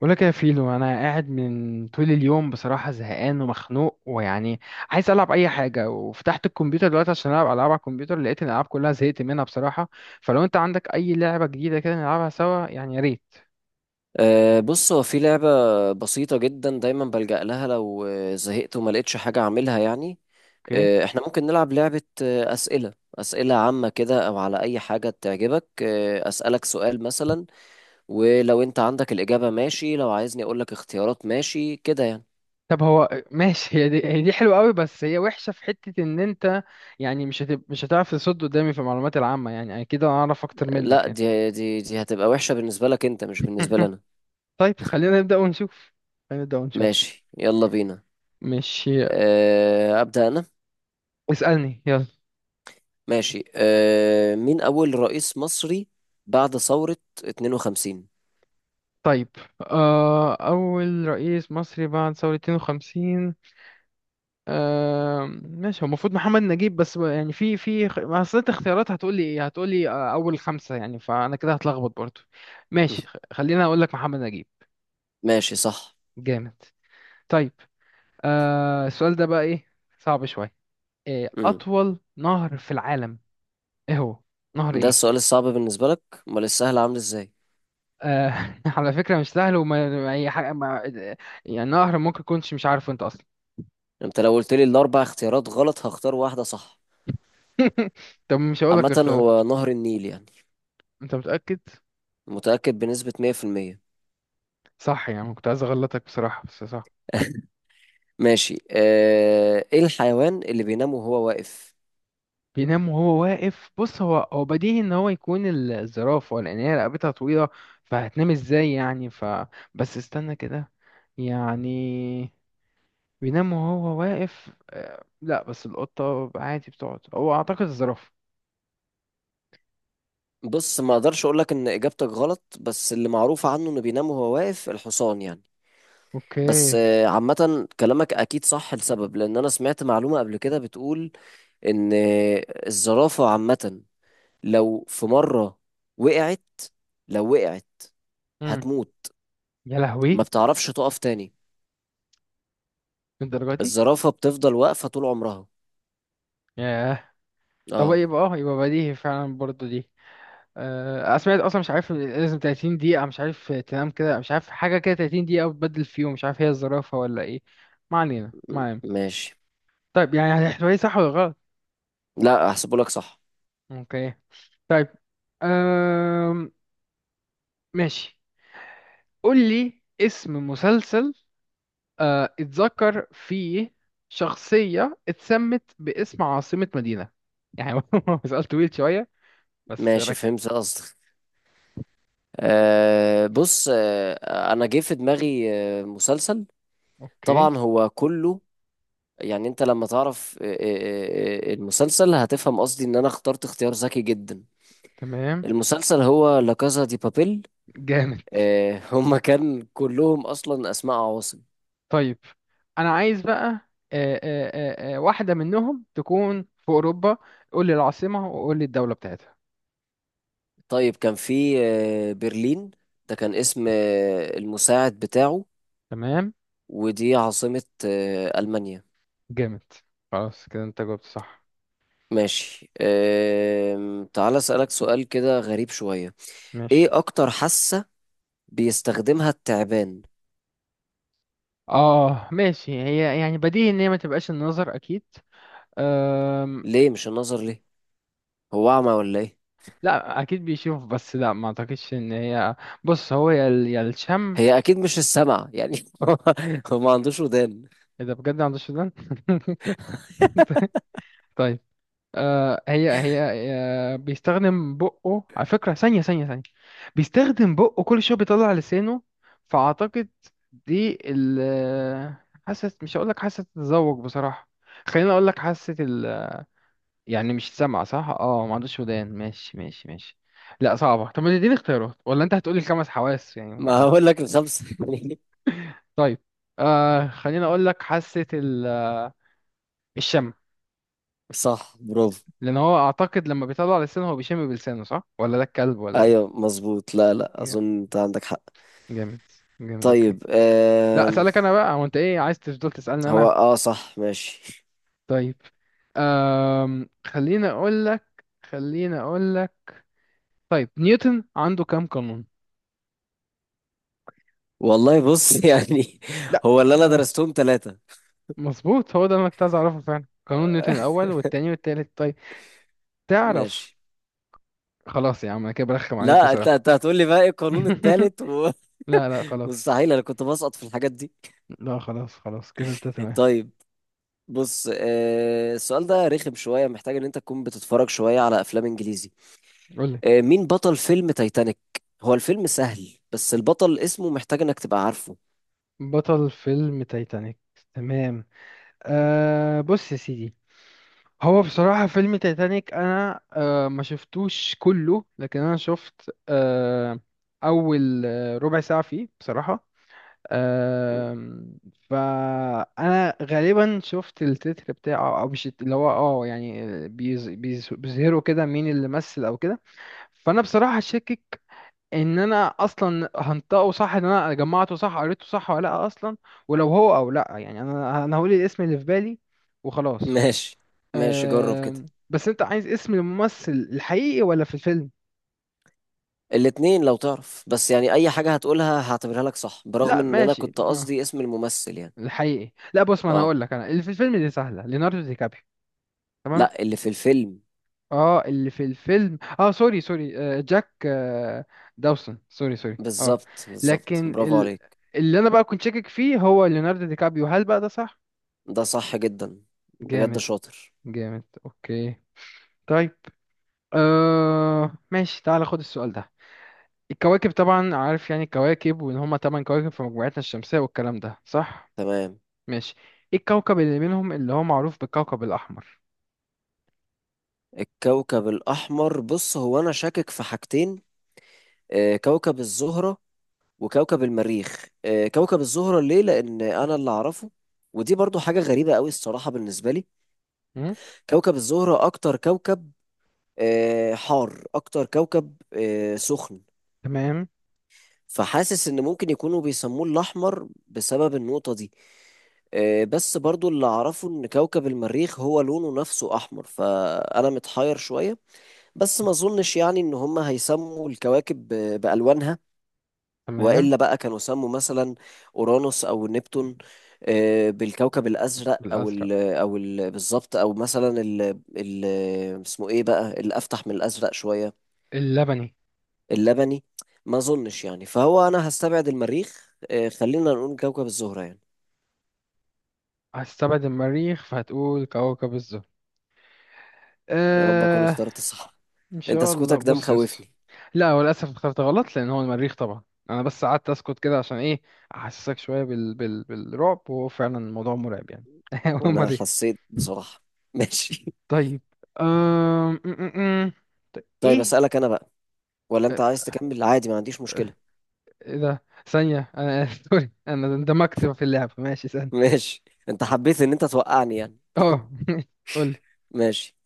بقول لك يا فيلو، انا قاعد من طول اليوم، بصراحه زهقان ومخنوق، ويعني عايز العب اي حاجه. وفتحت الكمبيوتر دلوقتي عشان العب العاب على الكمبيوتر، لقيت ان الالعاب كلها زهقت منها بصراحه. فلو انت عندك اي لعبه جديده كده نلعبها سوا، يعني يا ريت. أه، بص، هو في لعبة بسيطة جدا، دايما بلجأ لها لو زهقت وما لقيتش حاجة أعملها يعني. اوكي. احنا ممكن نلعب لعبة أسئلة عامة كده، أو على أي حاجة تعجبك. أسألك سؤال مثلا، ولو أنت عندك الإجابة ماشي، لو عايزني أقولك اختيارات ماشي كده يعني. طب هو ماشي، هي دي حلوه قوي، بس هي وحشه في حته ان انت يعني مش هتعرف تصد قدامي في المعلومات العامه، يعني اكيد انا اعرف اكتر منك لا، يعني. دي هتبقى وحشة بالنسبة لك أنت، مش بالنسبة لنا. طيب، خلينا نبدا ونشوف. خلينا نبدا ونشوف ماشي، يلا بينا. ماشي، أبدأ أنا. اسالني يلا. ماشي، مين أول رئيس مصري بعد ثورة 52؟ طيب، أول رئيس مصري بعد ثورة 52. ماشي، هو المفروض محمد نجيب، بس يعني في ما، أصل أنت اختيارات هتقولي إيه، هتقولي أول خمسة، يعني فأنا كده هتلخبط برضو. مم. ماشي، خلينا أقول لك محمد نجيب. ماشي، صح. جامد. طيب، السؤال ده بقى إيه؟ صعب شوية. إيه مم. أطول نهر في العالم؟ إيه هو؟ نهر ده إيه؟ السؤال الصعب بالنسبة لك؟ امال السهل عامل ازاي؟ على فكرة مش سهل، وما أي حاجة، ما يعني نهر ممكن كنتش مش عارفه أنت أصلا. انت لو قلت لي الاربع اختيارات غلط، هختار واحدة صح. طب مش هقول لك عامة اختيارات. هو نهر النيل يعني. انت متأكد؟ متأكد بنسبة 100%. صح، يعني كنت عايز اغلطك بصراحة، بس صح. ماشي. اه... ايه الحيوان اللي بينام وهو واقف؟ بينام وهو واقف؟ بص، هو بديهي ان هو يكون الزرافة، لان هي رقبتها طويلة. فهتنام ازاي يعني؟ بس استنى كده. يعني بينام وهو واقف، لا بس القطة عادي بتقعد، هو اعتقد الزرافة. بص، ما اقدرش اقول لك ان اجابتك غلط، بس اللي معروف عنه انه بينام وهو واقف الحصان يعني. بس اوكي. عامة كلامك أكيد صح لسبب، لأن أنا سمعت معلومة قبل كده بتقول إن الزرافة عامة لو في مرة وقعت، لو وقعت امم. هتموت، يا ما لهوي، بتعرفش تقف تاني. الدرجة دي. الزرافة بتفضل واقفة طول عمرها. ياه. طب اه. يبقى بديهي فعلا برضو دي. سمعت اصلا مش عارف، لازم 30 دقيقة مش عارف تنام كده، مش عارف حاجة كده 30 دقيقة وتبدل في يوم، مش عارف هي الزرافة ولا ايه. ما علينا ما علينا. ماشي. طيب، يعني احتمالية صح ولا غلط. لا، هحسبهولك صح. اوكي. طيب. أم... ماشي، قول لي اسم مسلسل اتذكر فيه شخصية اتسمت باسم عاصمة مدينة. يعني هو سؤال طويل شوية، بس ماشي، فهمت قصدك. آه، بص، انا جه في دماغي مسلسل. اوكي طبعا هو كله يعني، انت لما تعرف المسلسل هتفهم قصدي ان انا اخترت اختيار ذكي جدا. تمام. المسلسل هو لا كازا دي بابيل. جامد. آه، هما كان كلهم اصلا اسماء عواصم. طيب، انا عايز بقى واحده منهم تكون في اوروبا. قول لي العاصمه وقول لي الدوله بتاعتها. طيب، كان في برلين. ده كان اسم المساعد بتاعه، تمام. ودي عاصمة ألمانيا. جامد، خلاص كده انت جاوبت صح. ماشي. تعال أسألك سؤال كده غريب شوية. ماشي، إيه أكتر حاسة بيستخدمها التعبان؟ اه ماشي، هي يعني بديهي ان هي ما تبقاش النظر اكيد. أم... ليه مش النظر؟ ليه، هو أعمى ولا إيه؟ لا اكيد بيشوف، بس لا، ما اعتقدش ان هي، بص هو يا يا الشم. هي أكيد مش السمع يعني. هو، هو ما عندوش ودان. اذا بجد عند السودان. هي. بيستخدم بقه على فكرة، ثانية ثانية ثانية، بيستخدم بقه كل شوية بيطلع لسانه، فأعتقد دي حاسة. مش هقولك حاسة التذوق بصراحة. خليني أقولك حاسة ال آه، يعني، مش سامعة صح؟ اه، ما عندوش ودان. ماشي ماشي ماشي. لا صعبة، طب ما تديني اختيارات ولا أنت هتقولي الخمس حواس ما يعني؟ هقول لك الخمسة. طيب، خليني أقولك حاسة ال آه، الشم. صح، برافو. لأن هو أعتقد لما بيطلع لسانه هو بيشم بلسانه، صح؟ ولا ده الكلب ولا؟ أيوه، مظبوط. لا لا، إيه؟ أظن أنت عندك حق. جامد. جامد اوكي. طيب. لا، اسالك انا بقى، هو انت ايه عايز تفضل تسالني هو انا. اه صح، ماشي. طيب، خليني اقول لك. طيب، نيوتن عنده كام قانون؟ والله بص، يعني لا، هو اللي انا اه، درستهم ثلاثة. مظبوط، هو ده اللي انا كنت عايز اعرفه فعلا. قانون نيوتن الاول والتاني والتالت. طيب تعرف، ماشي. خلاص يا عم، انا كده برخم عليك لا، انت بصراحه. هتقول لي بقى ايه القانون الثالث لا لا خلاص. مستحيل، انا كنت بسقط في الحاجات دي. لا، خلاص خلاص كده انت تمام. طيب، بص، السؤال ده رخم شوية، محتاج ان انت تكون بتتفرج شوية على افلام انجليزي. قول لي آه، مين بطل فيلم تايتانيك؟ هو الفيلم سهل، بس البطل اسمه محتاج انك تبقى عارفه. بطل فيلم تايتانيك. تمام. بص يا سيدي، هو بصراحة فيلم تايتانيك أنا ما شفتوش كله، لكن أنا شفت أول ربع ساعة فيه بصراحة. آم، فأنا غالبا شفت التتر بتاعه، أو مش اللي هو يعني، بيظهروا كده مين اللي مثل أو كده. فأنا بصراحة شاكك إن أنا أصلا هنطقه صح، إن أنا جمعته صح، قريته صح ولا لأ أصلا. ولو هو أو لأ يعني، أنا هقول الاسم اللي في بالي وخلاص. ماشي، ماشي، جرب كده. آه بس انت عايز اسم الممثل الحقيقي ولا في الفيلم؟ الاتنين لو تعرف، بس يعني اي حاجة هتقولها هعتبرها لك صح، برغم لا ان انا ماشي، كنت قصدي اسم الممثل يعني. الحقيقي. لا بص، ما انا اه، هقول لك انا، اللي في الفيلم دي سهله، ليوناردو دي كابريو. تمام. لا، اللي في الفيلم. اه، اللي في الفيلم، سوري سوري، جاك داوسون، سوري سوري. اه بالظبط، بالظبط، لكن برافو عليك. اللي انا بقى كنت شاكك فيه هو ليوناردو دي كابريو. هل بقى ده صح؟ ده صح جدا، بجد جامد. شاطر. جامد اوكي. طيب، ماشي، تعال خد السؤال ده. الكواكب طبعا عارف، يعني الكواكب، وان هما تمن كواكب في مجموعتنا الشمسية، والكلام ده صح. تمام. ماشي، ايه الكوكب اللي منهم اللي هو معروف بالكوكب الأحمر؟ الكوكب الأحمر، بص، هو أنا شاكك في حاجتين: كوكب الزهرة، وكوكب المريخ. كوكب الزهرة ليه، لأن أنا اللي أعرفه، ودي برضو حاجة غريبة قوي الصراحة بالنسبة لي، م؟ كوكب الزهرة أكتر كوكب حار، أكتر كوكب سخن، تمام. فحاسس ان ممكن يكونوا بيسموه الاحمر بسبب النقطة دي. بس برضو اللي اعرفه ان كوكب المريخ هو لونه نفسه احمر، فانا متحير شوية. بس ما اظنش يعني ان هم هيسموا الكواكب بالوانها، تمام. والا بقى كانوا سموا مثلا اورانوس او نبتون بالكوكب الازرق، او بالأزرق. ال بالظبط، او مثلا ال اسمه ايه بقى اللي افتح من الازرق شوية، اللبني. اللبني. ما اظنش يعني، فهو انا هستبعد المريخ. خلينا نقول كوكب الزهرة يعني. هستبعد المريخ فهتقول كوكب الزهر. يا رب اكون آه اخترت صح. ان انت شاء الله. سكوتك ده بص يا اسطى، مخوفني. لا هو للاسف اخترت غلط، لان هو المريخ طبعا. انا بس قعدت اسكت كده عشان ايه؟ احسسك شويه بالرعب، وهو فعلا الموضوع مرعب يعني. هو وانا المريخ. حسيت بصراحة. ماشي. طيب. أم... طيب، ايه اسألك انا بقى، ولا آه، انت عايز تكمل عادي؟ ما عنديش مشكلة. ايه ده، ثانية انا سوري، انا اندمجت في اللعبة، ماشي ثانية. ماشي. انت حبيت ان انت توقعني يعني. اه. قول لي ماشي،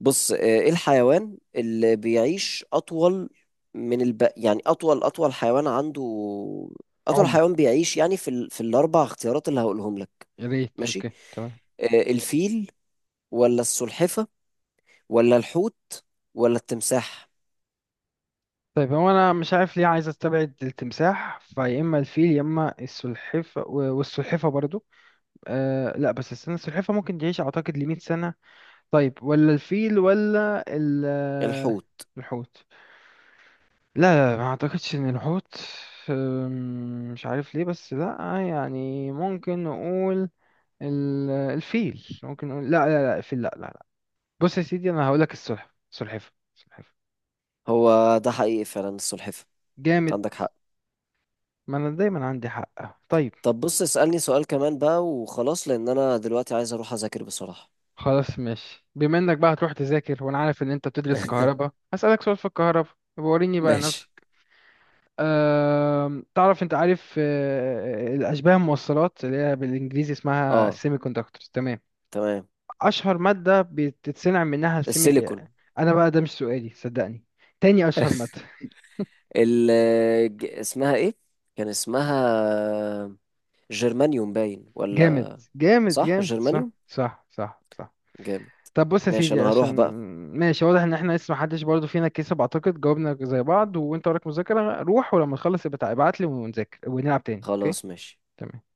بص، ايه الحيوان اللي بيعيش اطول يعني اطول حيوان عنده، اطول عمر. حيوان بيعيش يعني، في في الاربع اختيارات اللي هقولهم لك. يا ريت. ماشي، اوكي تمام. آه، الفيل، ولا السلحفة، ولا الحوت، ولا التمساح؟ طيب، هو انا مش عارف ليه عايز استبعد التمساح، فيا اما الفيل يا اما السلحفة، والسلحفة برضو. لا، بس استنى، السلحفة ممكن تعيش اعتقد ل 100 سنة. طيب، ولا الفيل، ولا ال آه، الحوت. الحوت؟ لا لا، ما اعتقدش ان الحوت. مش عارف ليه، بس لا. يعني ممكن نقول الفيل، ممكن نقول لا لا لا الفيل، لا لا لا. بص يا سيدي، انا هقول لك السلحفة، سلحفة سلحفة. هو ده حقيقي فعلا، السلحفة. جامد. عندك حق. ما انا دايما عندي حق. طيب، طب بص، اسألني سؤال كمان بقى وخلاص، لأن أنا دلوقتي عايز أروح أذاكر بصراحة. خلاص ماشي، بما انك بقى هتروح تذاكر وانا عارف ان انت بتدرس كهرباء، هسألك سؤال في الكهرباء. يبقى وريني بقى ماشي. نفسك. تعرف انت عارف الاشباه الموصلات اللي هي بالانجليزي اسمها اه، السيمي كوندكتورز؟ تمام. تمام. اشهر مادة بتتصنع منها السيمي. السيليكون. انا بقى ده مش سؤالي صدقني، تاني اشهر مادة. ال اسمها ايه؟ كان اسمها جرمانيوم، باين، جامد. ولا؟ جامد صح، جامد، صح جرمانيوم. صح صح صح. جامد. طب بص يا ماشي، سيدي انا عشان هروح بقى. ماشي، واضح ان احنا لسه محدش برضه فينا كسب، اعتقد جاوبنا زي بعض، وانت وراك مذاكرة، روح ولما تخلص ابقى ابعت لي ونذاكر ونلعب تاني، اوكي؟ خلاص، ماشي. تمام.